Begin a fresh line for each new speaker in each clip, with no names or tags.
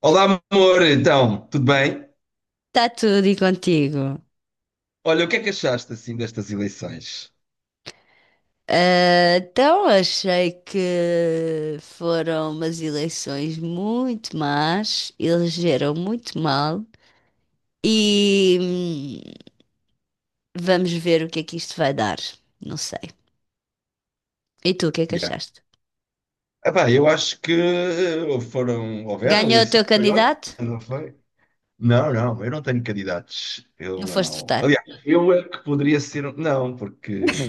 Olá, amor, então, tudo bem?
Está tudo e contigo.
Olha, o que é que achaste assim destas eleições?
Então, achei que foram umas eleições muito más, elegeram muito mal e vamos ver o que é que isto vai dar. Não sei. E tu, o que é que
Yeah.
achaste?
Epá, eu acho que houveram
Ganhou o
eleições,
teu
foi ontem,
candidato?
não foi? Não, não, eu não tenho candidatos.
Não
Eu
foste
não.
votar?
Aliás, eu é que poderia ser. Não, porque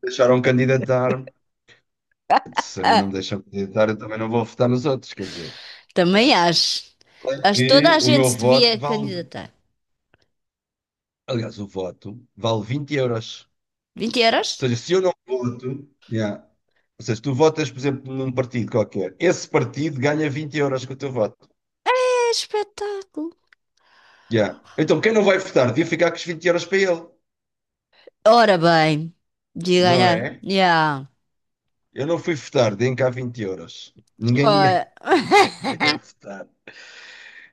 deixaram candidatar-me. Se a mim não
Ah,
me deixam candidatar, eu também não vou votar nos outros, quer dizer.
também
Agora,
acho.
claro
Acho que toda
que
a
o
gente
meu
se
voto
devia
vale.
candidatar.
Aliás, o voto vale 20 euros.
Vinte euros?
Seja, se eu não voto, yeah. Ou seja, tu votas, por exemplo, num partido qualquer, esse partido ganha 20 euros com o teu voto.
É espetáculo.
Yeah. Então, quem não vai votar devia ficar com os vinte euros para ele,
Ora bem, de
não
ganhar.
é?
Yeah.
Eu não fui votar, deem cá 20 euros. Ninguém ia,
Ora.
ninguém ia votar.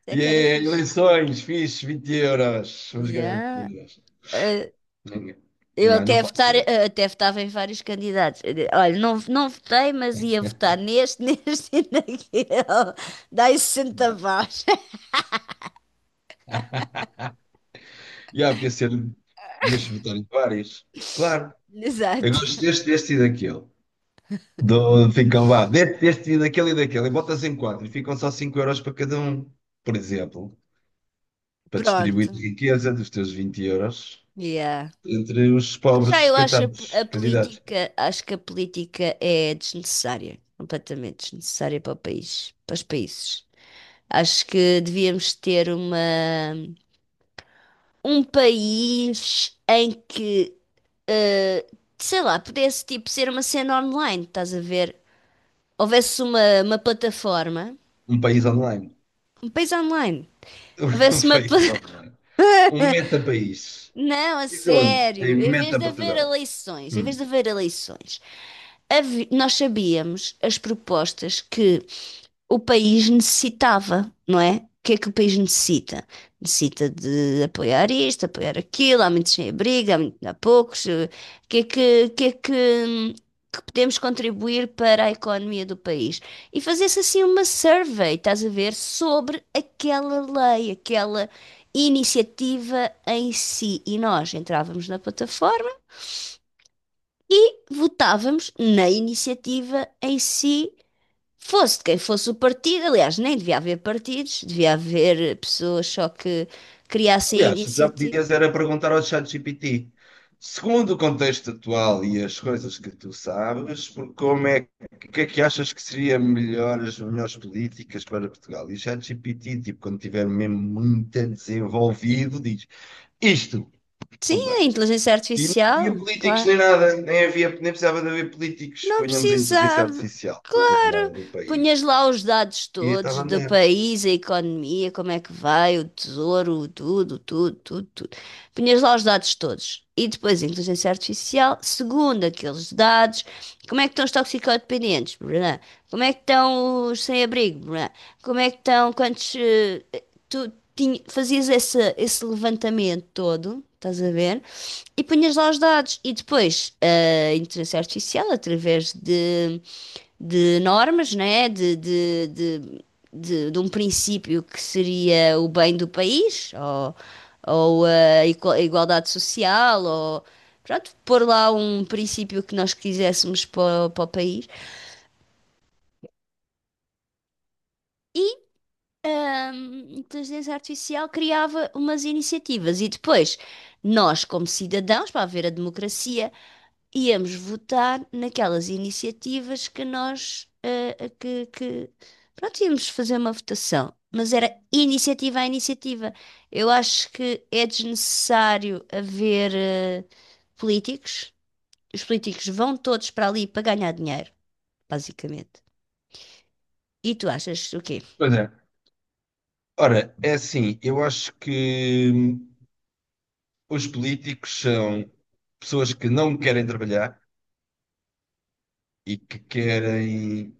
Isso
E
é que era
yeah,
fixe.
eleições, fixe, 20 euros. Vamos ganhar
Yeah.
20 euros.
Eh,
Ninguém.
eu
Não, não
até
pode
votar,
ser.
até votava em vários candidatos. Olha, não votei, mas ia votar neste, neste e naquele. Dá-lhe 60
Não.
votos.
Yeah, podia ser, podias votar em vários. Claro, eu gosto
Exato.
deste, deste e daquele. Ficam, vá, deste, deste e daquele e daquele, e botas em quatro, e ficam só 5 euros para cada um, por exemplo, para distribuir a
Pronto.
riqueza dos teus 20 euros
Yeah.
entre os
Já
pobres,
eu acho a
coitados, candidatos.
política, acho que a política é desnecessária, completamente desnecessária para o país, para os países. Acho que devíamos ter um país em que sei lá, pudesse tipo ser uma cena online, estás a ver? Houvesse uma plataforma,
Um país online.
um país online.
Um
Houvesse
país online. Um meta-país.
Não, a
Isso onde? Em
sério. Em vez de haver
meta-Portugal.
eleições, em vez de
Hum.
haver eleições, nós sabíamos as propostas que o país necessitava, não é? O que é que o país necessita? Necessita de apoiar isto, apoiar aquilo, há muitos sem abrigo, há poucos. O que é que, o que é que podemos contribuir para a economia do país? E fazer-se assim uma survey, estás a ver, sobre aquela lei, aquela iniciativa em si. E nós entrávamos na plataforma e votávamos na iniciativa em si. Fosse de quem fosse o partido, aliás, nem devia haver partidos, devia haver pessoas só que criassem a
Aliás, já
iniciativa.
podias era perguntar ao ChatGPT, segundo o contexto atual e as coisas que tu sabes, por como é, o que é que achas que seria melhor, as melhores políticas para Portugal? E o ChatGPT, tipo, quando estiver mesmo muito desenvolvido, diz isto.
Sim,
Pumba.
a inteligência
E não havia
artificial,
políticos
claro.
nem nada, nem havia, nem precisava de haver políticos.
Não
Ponhamos a inteligência
precisava.
artificial a governar
Claro,
o
punhas
país.
lá os dados
E estava
todos
a
do
andar.
país, a economia, como é que vai, o tesouro, tudo, tudo, tudo, tudo. Punhas lá os dados todos. E depois a inteligência artificial, segundo aqueles dados, como é que estão os toxicodependentes? Brã? Como é que estão os sem-abrigo? Brã? Como é que estão quantos. Fazias esse levantamento todo, estás a ver? E punhas lá os dados. E depois a inteligência artificial, através de normas, né? De um princípio que seria o bem do país, ou a igualdade social, ou pronto, pôr lá um princípio que nós quiséssemos para, para o país. A inteligência artificial criava umas iniciativas e depois nós, como cidadãos, para haver a democracia, íamos votar naquelas iniciativas que nós pronto, íamos fazer uma votação. Mas era iniciativa a iniciativa. Eu acho que é desnecessário haver políticos. Os políticos vão todos para ali para ganhar dinheiro, basicamente. E tu achas o quê?
Pois é. Ora, é assim, eu acho que os políticos são pessoas que não querem trabalhar e que querem,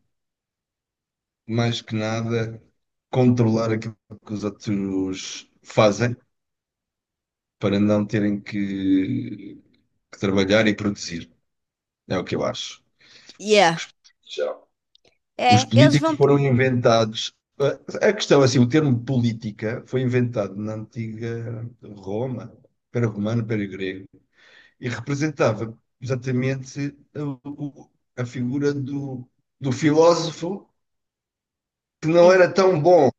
mais que nada, controlar aquilo que os outros fazem para não terem que trabalhar e produzir. É o que eu acho.
Yeah.
Já. Os
É, eles
políticos
vão.
foram inventados. A questão, é assim, o termo política foi inventado na antiga Roma, para romano, para grego. E representava exatamente a figura do filósofo que não era tão bom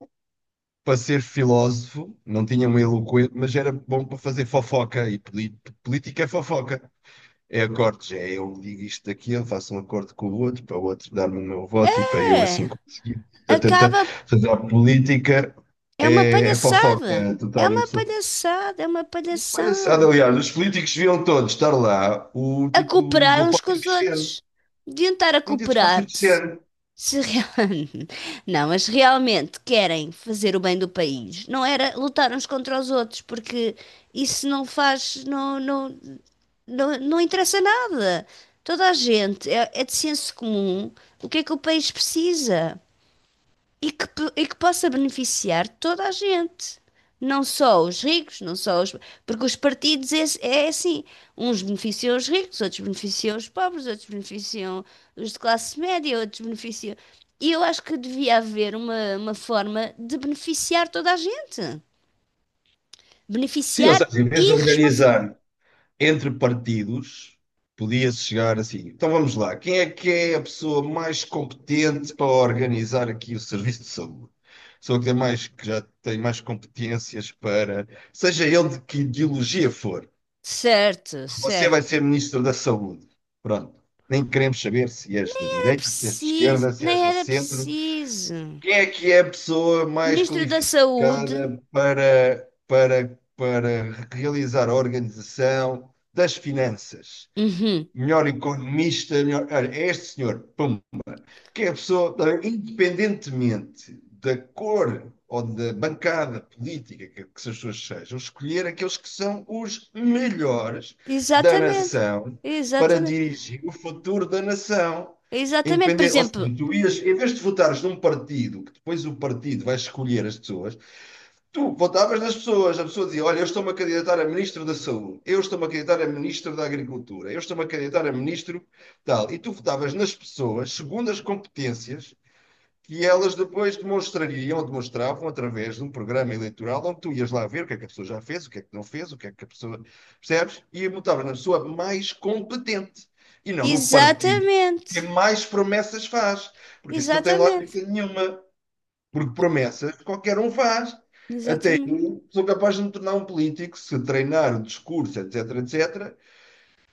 para ser filósofo, não tinha uma eloquência, mas era bom para fazer fofoca, e política é fofoca. É acordos, é eu digo isto daqui, eu faço um acordo com o outro, para o outro dar-me o meu voto e para eu assim
É,
conseguir. Tá, tá, tá.
acaba.
Portanto, a política
É uma
é
palhaçada.
fofoca
É
total e
uma
absoluta.
palhaçada, é uma
Mas,
palhaçada.
aliás, os políticos deviam todos estar lá, o
A
tipo
cooperar
do
uns com
Pódio
os
Crescente.
outros. Deviam estar a
Um dia disposto de
cooperar-se.
ser.
Se real... Não, mas realmente querem fazer o bem do país. Não era lutar uns contra os outros, porque isso não faz. Não, não, não interessa nada. Toda a gente. É de senso comum. O que é que o país precisa? E que, que possa beneficiar toda a gente. Não só os ricos, não só os. Porque os partidos é, é assim: uns beneficiam os ricos, outros beneficiam os pobres, outros beneficiam os de classe média, outros beneficiam. E eu acho que devia haver uma forma de beneficiar toda a gente.
Sim, ou
Beneficiar
seja, em vez de
e responsabilizar.
organizar entre partidos, podia-se chegar assim. Então vamos lá, quem é que é a pessoa mais competente para organizar aqui o serviço de saúde? A pessoa que tem mais, que já tem mais competências para, seja ele de que ideologia for,
Certo,
você
certo.
vai ser ministro da saúde. Pronto. Nem queremos saber se és
Nem
da
era
direita, se és de
preciso,
esquerda, se és
nem
do
era
centro.
preciso.
Quem é que é a pessoa mais
Ministro da Saúde.
qualificada para realizar a organização das finanças?
Uhum.
Melhor economista, melhor. Olha, é este senhor, pum, que a pessoa, independentemente da cor ou da bancada política que essas pessoas sejam, escolher aqueles que são os melhores da
Exatamente.
nação para
Exatamente.
dirigir o futuro da nação.
Exatamente. Por
Independente, ou
exemplo,
seja, tu ias, em vez de votares num partido, que depois o partido vai escolher as pessoas, tu votavas nas pessoas, a pessoa dizia: olha, eu estou-me a candidatar a ministro da Saúde, eu estou-me a candidatar a ministro da Agricultura, eu estou-me a candidatar a ministro tal. E tu votavas nas pessoas segundo as competências que elas depois demonstrariam, ou demonstravam através de um programa eleitoral onde tu ias lá ver o que é que a pessoa já fez, o que é que não fez, o que é que a pessoa. Percebes? E votavas na pessoa mais competente e não no partido que
exatamente.
mais promessas faz, porque isso não tem lógica
Exatamente.
nenhuma, porque promessas qualquer um faz.
Exatamente.
Eu sou capaz de me tornar um político se treinar o discurso, etc, etc.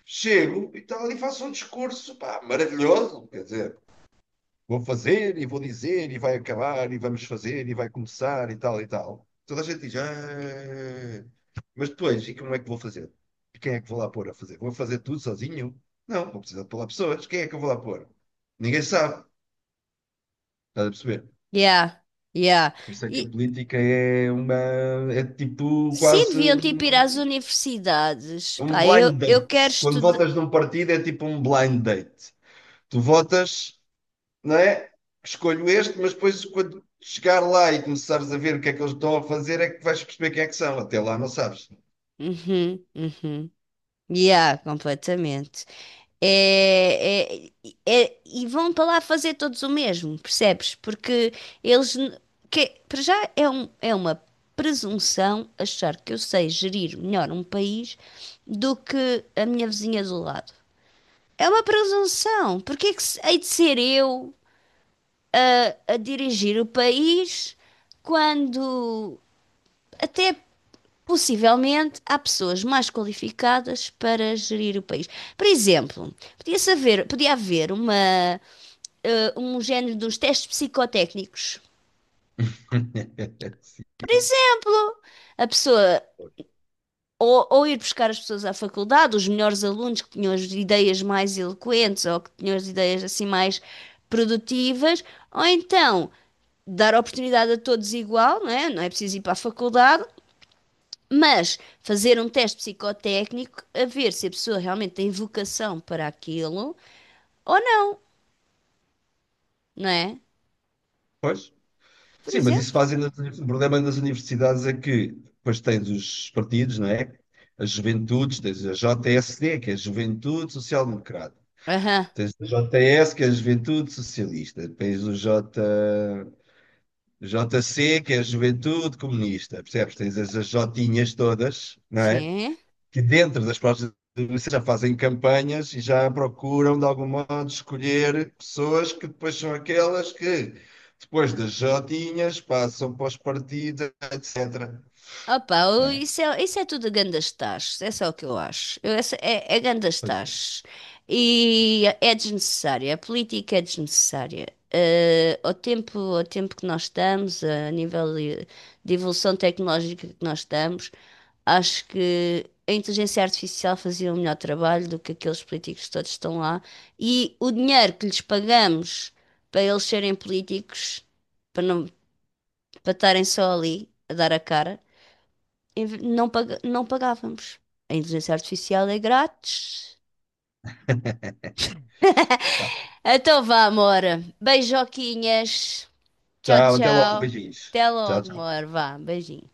Chego e tal e faço um discurso, pá, maravilhoso, quer dizer, vou fazer e vou dizer e vai acabar e vamos fazer e vai começar e tal e tal. Toda a gente diz, "Ah", mas depois, e como é que vou fazer? E quem é que vou lá pôr a fazer? Vou fazer tudo sozinho? Não, vou precisar de pôr lá pessoas. Quem é que eu vou lá pôr? Ninguém sabe. Estás a perceber?
Yeah. Yeah.
Por isso é que a
E
política é tipo
sim,
quase
deviam tipo ir às universidades.
um
Pá,
blind
eu quero
date. Quando
estudar.
votas num partido é tipo um blind date. Tu votas, não é? Escolho este, mas depois quando chegar lá e começares a ver o que é que eles estão a fazer é que vais perceber quem é que são. Até lá não sabes.
Uhum, uhum. Yeah, completamente. É, é- e vão para lá fazer todos o mesmo, percebes? Porque eles, n- para já é, é uma presunção achar que eu sei gerir melhor um país do que a minha vizinha do lado. É uma presunção. Porque é que hei de ser eu a dirigir o país quando até possivelmente há pessoas mais qualificadas para gerir o país? Por exemplo, podia haver uma um género dos testes psicotécnicos.
Sim,
Por exemplo, a pessoa ou ir buscar as pessoas à faculdade, os melhores alunos que tinham as ideias mais eloquentes ou que tinham as ideias assim mais produtivas, ou então dar oportunidade a todos igual, não é? Não é preciso ir para a faculdade, mas fazer um teste psicotécnico a ver se a pessoa realmente tem vocação para aquilo ou não, não é?
pois.
Por
Sim, mas isso
exemplo.
fazem nas o problema nas universidades é que depois tens os partidos, não é? As juventudes, tens a JSD, que é a Juventude Social Democrata.
Aham,
Tens a JS, que é a Juventude Socialista. Tens o J. JC, que é a Juventude Comunista, percebes? Tens as jotinhas todas, não é?
sim.
Que dentro das próprias universidades já fazem campanhas e já procuram, de algum modo, escolher pessoas que depois são aquelas que, depois das jotinhas, passam para os partidos, etc.
Opa,
Não é?
isso é tudo gandas tachos, é só o que eu acho. É, é gandas
Pois é.
tachos. E é desnecessária, a política é desnecessária. Eh, ao tempo que nós estamos, a nível de evolução tecnológica que nós estamos, acho que a inteligência artificial fazia um melhor trabalho do que aqueles políticos que todos estão lá. E o dinheiro que lhes pagamos para eles serem políticos, para não, para estarem só ali a dar a cara não pagávamos. A inteligência artificial é grátis.
Tá.
Então vá, amor. Beijoquinhas. Tchau,
Tchau, até logo,
tchau.
beijinhos.
Até
Tchau,
logo,
tchau.
amor. Vá, beijinho.